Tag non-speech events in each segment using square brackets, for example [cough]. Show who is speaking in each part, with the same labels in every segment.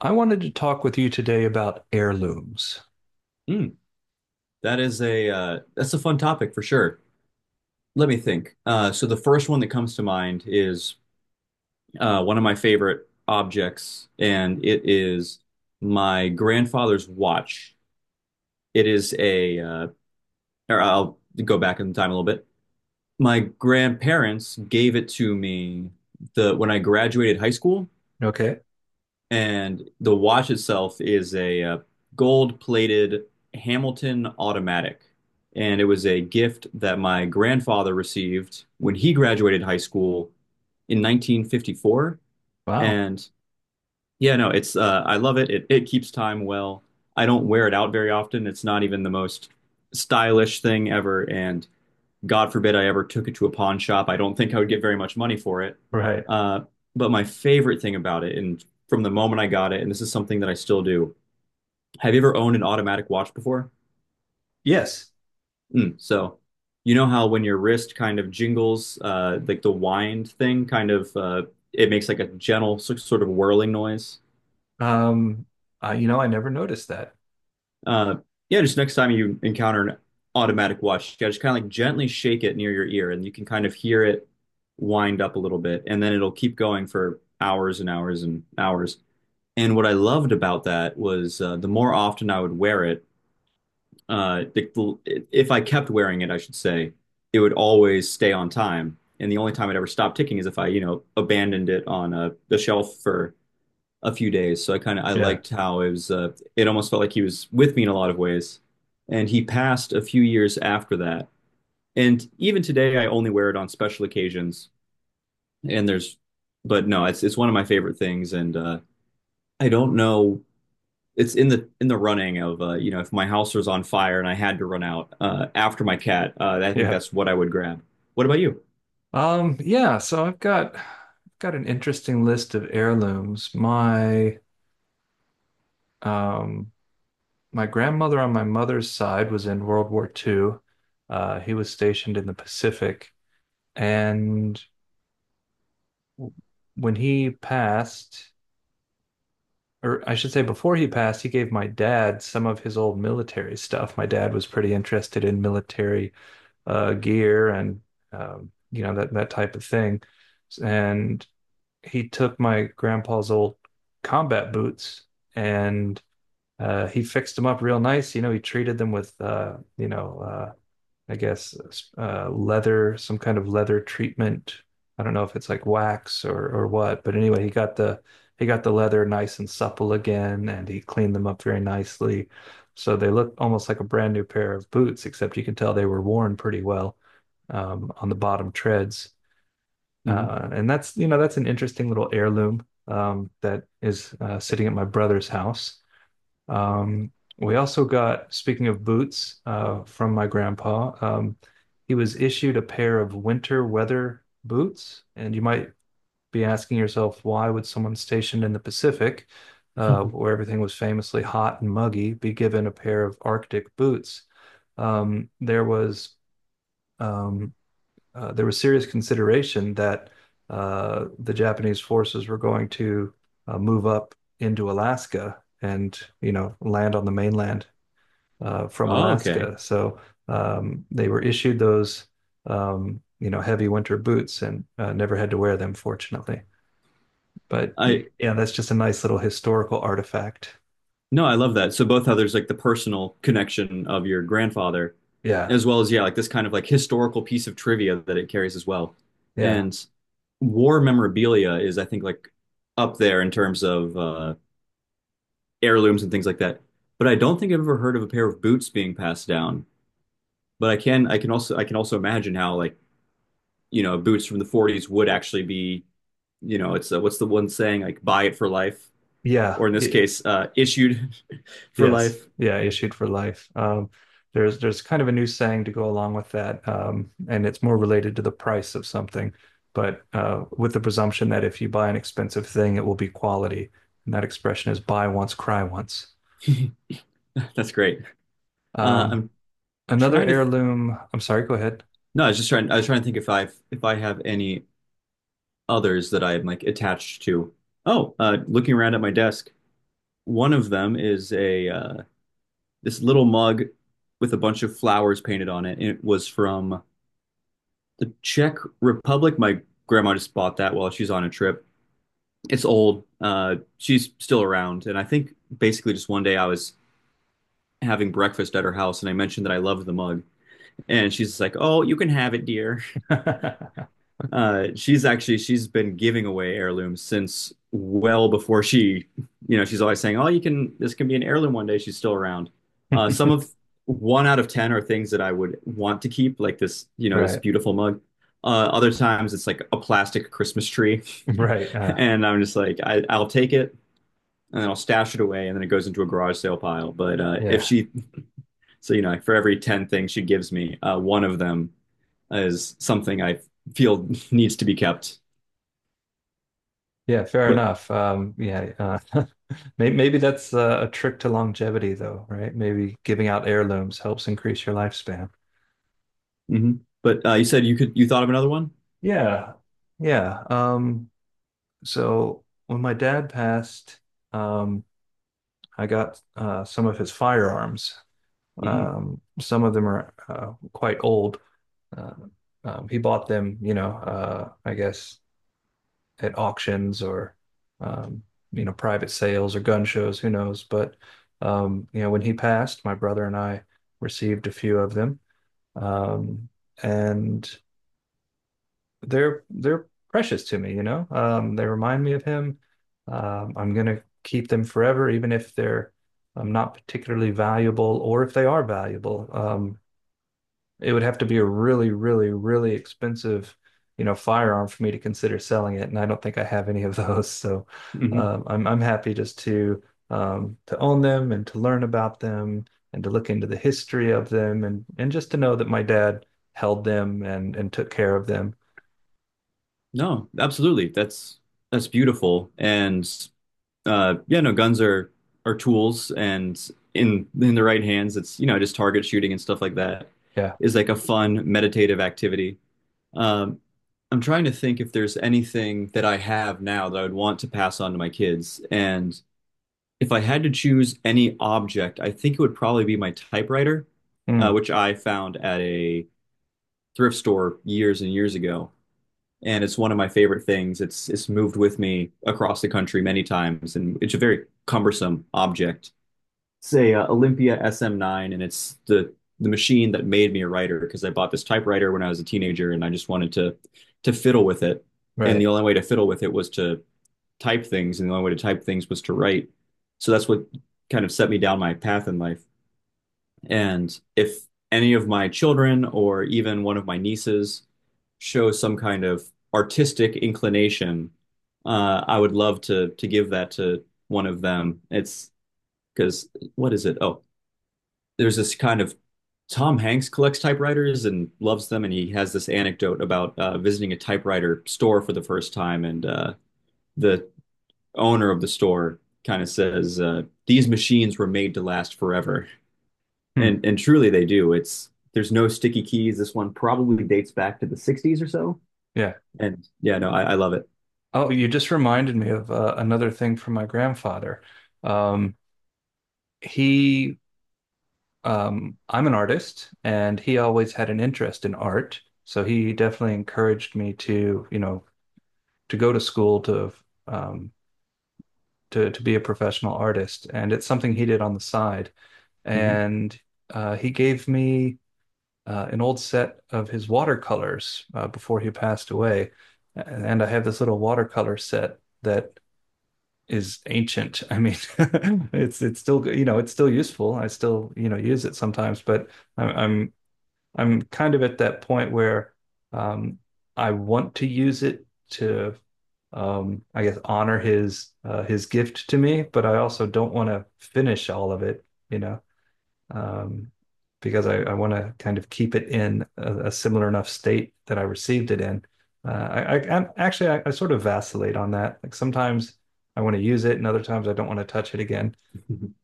Speaker 1: I wanted to talk with you today about heirlooms.
Speaker 2: Mm, that is a that's a fun topic for sure. Let me think. So the first one that comes to mind is one of my favorite objects, and it is my grandfather's watch. It is a, or I'll go back in time a little bit. My grandparents gave it to me the when I graduated high school.
Speaker 1: Okay.
Speaker 2: And the watch itself is a gold-plated Hamilton automatic. And it was a gift that my grandfather received when he graduated high school in 1954.
Speaker 1: Wow.
Speaker 2: And yeah, no, it's I love it. It keeps time well. I don't wear it out very often. It's not even the most stylish thing ever, and God forbid I ever took it to a pawn shop. I don't think I would get very much money for it.
Speaker 1: Right.
Speaker 2: Uh, but my favorite thing about it, and from the moment I got it, and this is something that I still do, have you ever owned an automatic watch before?
Speaker 1: Yes.
Speaker 2: So you know how when your wrist kind of jingles, like the wind thing kind of, it makes like a gentle sort of whirling noise?
Speaker 1: Um, I, I never noticed that.
Speaker 2: Uh, yeah, just next time you encounter an automatic watch, yeah, just kind of like gently shake it near your ear, and you can kind of hear it wind up a little bit, and then it'll keep going for hours and hours and hours. And what I loved about that was the more often I would wear it, uh, if I kept wearing it, I should say, it would always stay on time. And the only time it ever stopped ticking is if I, you know, abandoned it on the shelf for a few days. So I kind of I
Speaker 1: Yeah.
Speaker 2: liked how it was. It almost felt like he was with me in a lot of ways. And he passed a few years after that. And even today, I only wear it on special occasions. And there's, but no, it's one of my favorite things. And I don't know. It's in the running of you know, if my house was on fire and I had to run out after my cat, I think
Speaker 1: Yeah.
Speaker 2: that's what I would grab. What about you?
Speaker 1: Yeah, so I've got an interesting list of heirlooms. My um my grandmother on my mother's side was in World War II. He was stationed in the Pacific, and when he passed, or I should say before he passed, he gave my dad some of his old military stuff. My dad was pretty interested in military gear and you know that type of thing. And he took my grandpa's old combat boots and he fixed them up real nice. You know, he treated them with you know I guess, leather, some kind of leather treatment. I don't know if it's like wax or what, but anyway, he got the leather nice and supple again, and he cleaned them up very nicely. So they look almost like a brand new pair of boots, except you can tell they were worn pretty well on the bottom treads.
Speaker 2: Hmm
Speaker 1: And that's, you know, that's an interesting little heirloom that is sitting at my brother's house. Um, we also got, speaking of boots, from my grandpa, he was issued a pair of winter weather boots. And you might be asking yourself, why would someone stationed in the Pacific,
Speaker 2: [laughs]
Speaker 1: where everything was famously hot and muggy, be given a pair of Arctic boots? Um, there was um, there was serious consideration that the Japanese forces were going to move up into Alaska and you know land on the mainland from
Speaker 2: Oh, okay.
Speaker 1: Alaska. So they were issued those you know heavy winter boots and never had to wear them, fortunately. But
Speaker 2: I
Speaker 1: yeah, that's just a nice little historical artifact.
Speaker 2: No, I love that. So both how there's like the personal connection of your grandfather,
Speaker 1: Yeah,
Speaker 2: as well as yeah, like this kind of like historical piece of trivia that it carries as well.
Speaker 1: yeah,
Speaker 2: And war memorabilia is, I think, like up there in terms of heirlooms and things like that. But I don't think I've ever heard of a pair of boots being passed down. But I can, I can also imagine how like you know boots from the 40s would actually be, you know, it's what's the one saying like buy it for life,
Speaker 1: yeah.
Speaker 2: or in this case, issued [laughs] for
Speaker 1: Yes.
Speaker 2: life.
Speaker 1: Yeah, issued for life. There's kind of a new saying to go along with that, and it's more related to the price of something, but with the presumption that if you buy an expensive thing, it will be quality, and that expression is "buy once, cry once."
Speaker 2: [laughs] That's great.
Speaker 1: Um,
Speaker 2: I'm
Speaker 1: another
Speaker 2: trying to th
Speaker 1: heirloom. I'm sorry. Go ahead.
Speaker 2: no, I was just trying to think if I have any others that I'm like attached to. Oh, looking around at my desk, one of them is a this little mug with a bunch of flowers painted on it. It was from the Czech Republic. My grandma just bought that while she's on a trip. It's old. She's still around, and I think basically just one day I was having breakfast at her house, and I mentioned that I loved the mug, and she's just like, "Oh, you can have it, dear."
Speaker 1: [laughs]
Speaker 2: She's actually she's been giving away heirlooms since you know, she's always saying, "Oh, you can this can be an heirloom one day." She's still around. Some of One out of ten are things that I would want to keep, like this, you know, this
Speaker 1: Right.
Speaker 2: beautiful mug. Other times it's like a plastic Christmas tree,
Speaker 1: Right.
Speaker 2: [laughs] and I'm just like, I'll take it and then I'll stash it away, and then it goes into a garage sale pile. But if
Speaker 1: Yeah.
Speaker 2: she, so you know, for every ten things she gives me, one of them is something I feel [laughs] needs to be kept.
Speaker 1: Yeah. Fair
Speaker 2: But
Speaker 1: enough. Yeah. Uh, [laughs] maybe, maybe that's a trick to longevity, though, right? Maybe giving out heirlooms helps increase your lifespan.
Speaker 2: hmm But you said you thought of another one?
Speaker 1: Yeah. Yeah. So when my dad passed, um, I got some of his firearms.
Speaker 2: Hmm
Speaker 1: Some of them are quite old. Uh, he bought them, you know, I guess at auctions or, um, you know, private sales or gun shows, who knows. But, you know, when he passed, my brother and I received a few of them. Um, and they're precious to me, you know. They remind me of him. I'm gonna keep them forever, even if they're not particularly valuable, or if they are valuable. It would have to be a really, really, really expensive, you know, firearm for me to consider selling it, and I don't think I have any of [laughs] those. So,
Speaker 2: hmm
Speaker 1: I'm happy just to own them and to learn about them and to look into the history of them and just to know that my dad held them and took care of them.
Speaker 2: No, absolutely. That's beautiful. And yeah, no, guns are tools, and in the right hands, it's you know just target shooting and stuff like that
Speaker 1: Yeah.
Speaker 2: is like a fun meditative activity. Um, I'm trying to think if there's anything that I have now that I would want to pass on to my kids. And if I had to choose any object, I think it would probably be my typewriter,
Speaker 1: Mm.
Speaker 2: which I found at a thrift store years and years ago, and it's one of my favorite things. It's moved with me across the country many times, and it's a very cumbersome object. It's a Olympia SM9, and it's the machine that made me a writer because I bought this typewriter when I was a teenager, and I just wanted to fiddle with it. And the
Speaker 1: Right.
Speaker 2: only way to fiddle with it was to type things, and the only way to type things was to write. So that's what kind of set me down my path in life. And if any of my children or even one of my nieces show some kind of artistic inclination, I would love to give that to one of them. It's because what is it? Oh, there's this kind of Tom Hanks collects typewriters and loves them, and he has this anecdote about visiting a typewriter store for the first time, and the owner of the store kind of says, "These machines were made to last forever."
Speaker 1: Hmm.
Speaker 2: And truly they do. It's There's no sticky keys. This one probably dates back to the 60s or so.
Speaker 1: Yeah.
Speaker 2: And yeah, no, I love it.
Speaker 1: Oh, you just reminded me of another thing from my grandfather. Um, he, I'm an artist, and he always had an interest in art. So he definitely encouraged me to, you know, to go to school um, to be a professional artist. And it's something he did on the side.
Speaker 2: Hmm
Speaker 1: And he gave me an old set of his watercolors before he passed away, and I have this little watercolor set that is ancient. I mean, [laughs] it's still you know it's still useful. I still you know use it sometimes, but I'm I'm, I'm kind of at that point where um, I want to use it to I guess honor his gift to me, but I also don't want to finish all of it. You know um, because I want to kind of keep it in a similar enough state that I received it in. I I'm, actually I sort of vacillate on that. Like sometimes I want to use it, and other times I don't want to touch it again.
Speaker 2: [laughs]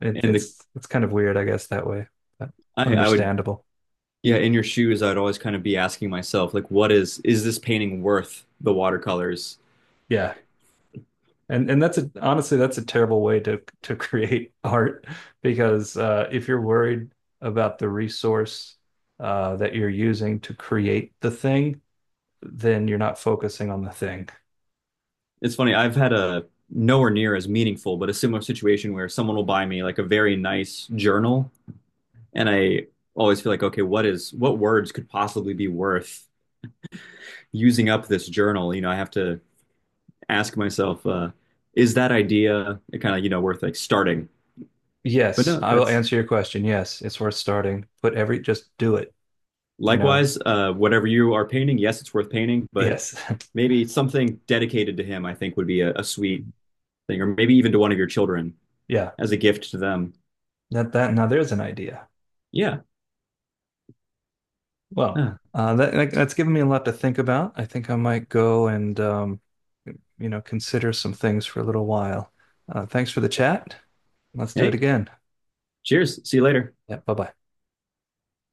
Speaker 1: It,
Speaker 2: And the
Speaker 1: it's kind of weird, I guess, that way. But
Speaker 2: I would
Speaker 1: understandable.
Speaker 2: yeah, in your shoes, I'd always kind of be asking myself, like, what is this painting worth the watercolors?
Speaker 1: Yeah. And that's a honestly that's a terrible way to [laughs] create art because if you're worried about the resource that you're using to create the thing, then you're not focusing on the thing.
Speaker 2: It's funny, I've had a nowhere near as meaningful, but a similar situation where someone will buy me like a very nice journal, and I always feel like, okay, what words could possibly be worth using up this journal? You know, I have to ask myself, is that idea kind of, you know, worth like starting? But
Speaker 1: Yes,
Speaker 2: no,
Speaker 1: I will
Speaker 2: that's
Speaker 1: answer your question. Yes, it's worth starting. Put every, just do it, you know.
Speaker 2: likewise, whatever you are painting, yes, it's worth painting, but
Speaker 1: Yes. [laughs]
Speaker 2: maybe something dedicated to him, I think would be a sweet thing, or maybe even to one of your children
Speaker 1: Yeah.
Speaker 2: as a gift to them.
Speaker 1: That that now there's an idea.
Speaker 2: Yeah.
Speaker 1: Well,
Speaker 2: Huh.
Speaker 1: that's given me a lot to think about. I think I might go and you know, consider some things for a little while. Thanks for the chat. Let's do it
Speaker 2: Hey.
Speaker 1: again.
Speaker 2: Cheers. See you later.
Speaker 1: Yeah, bye-bye.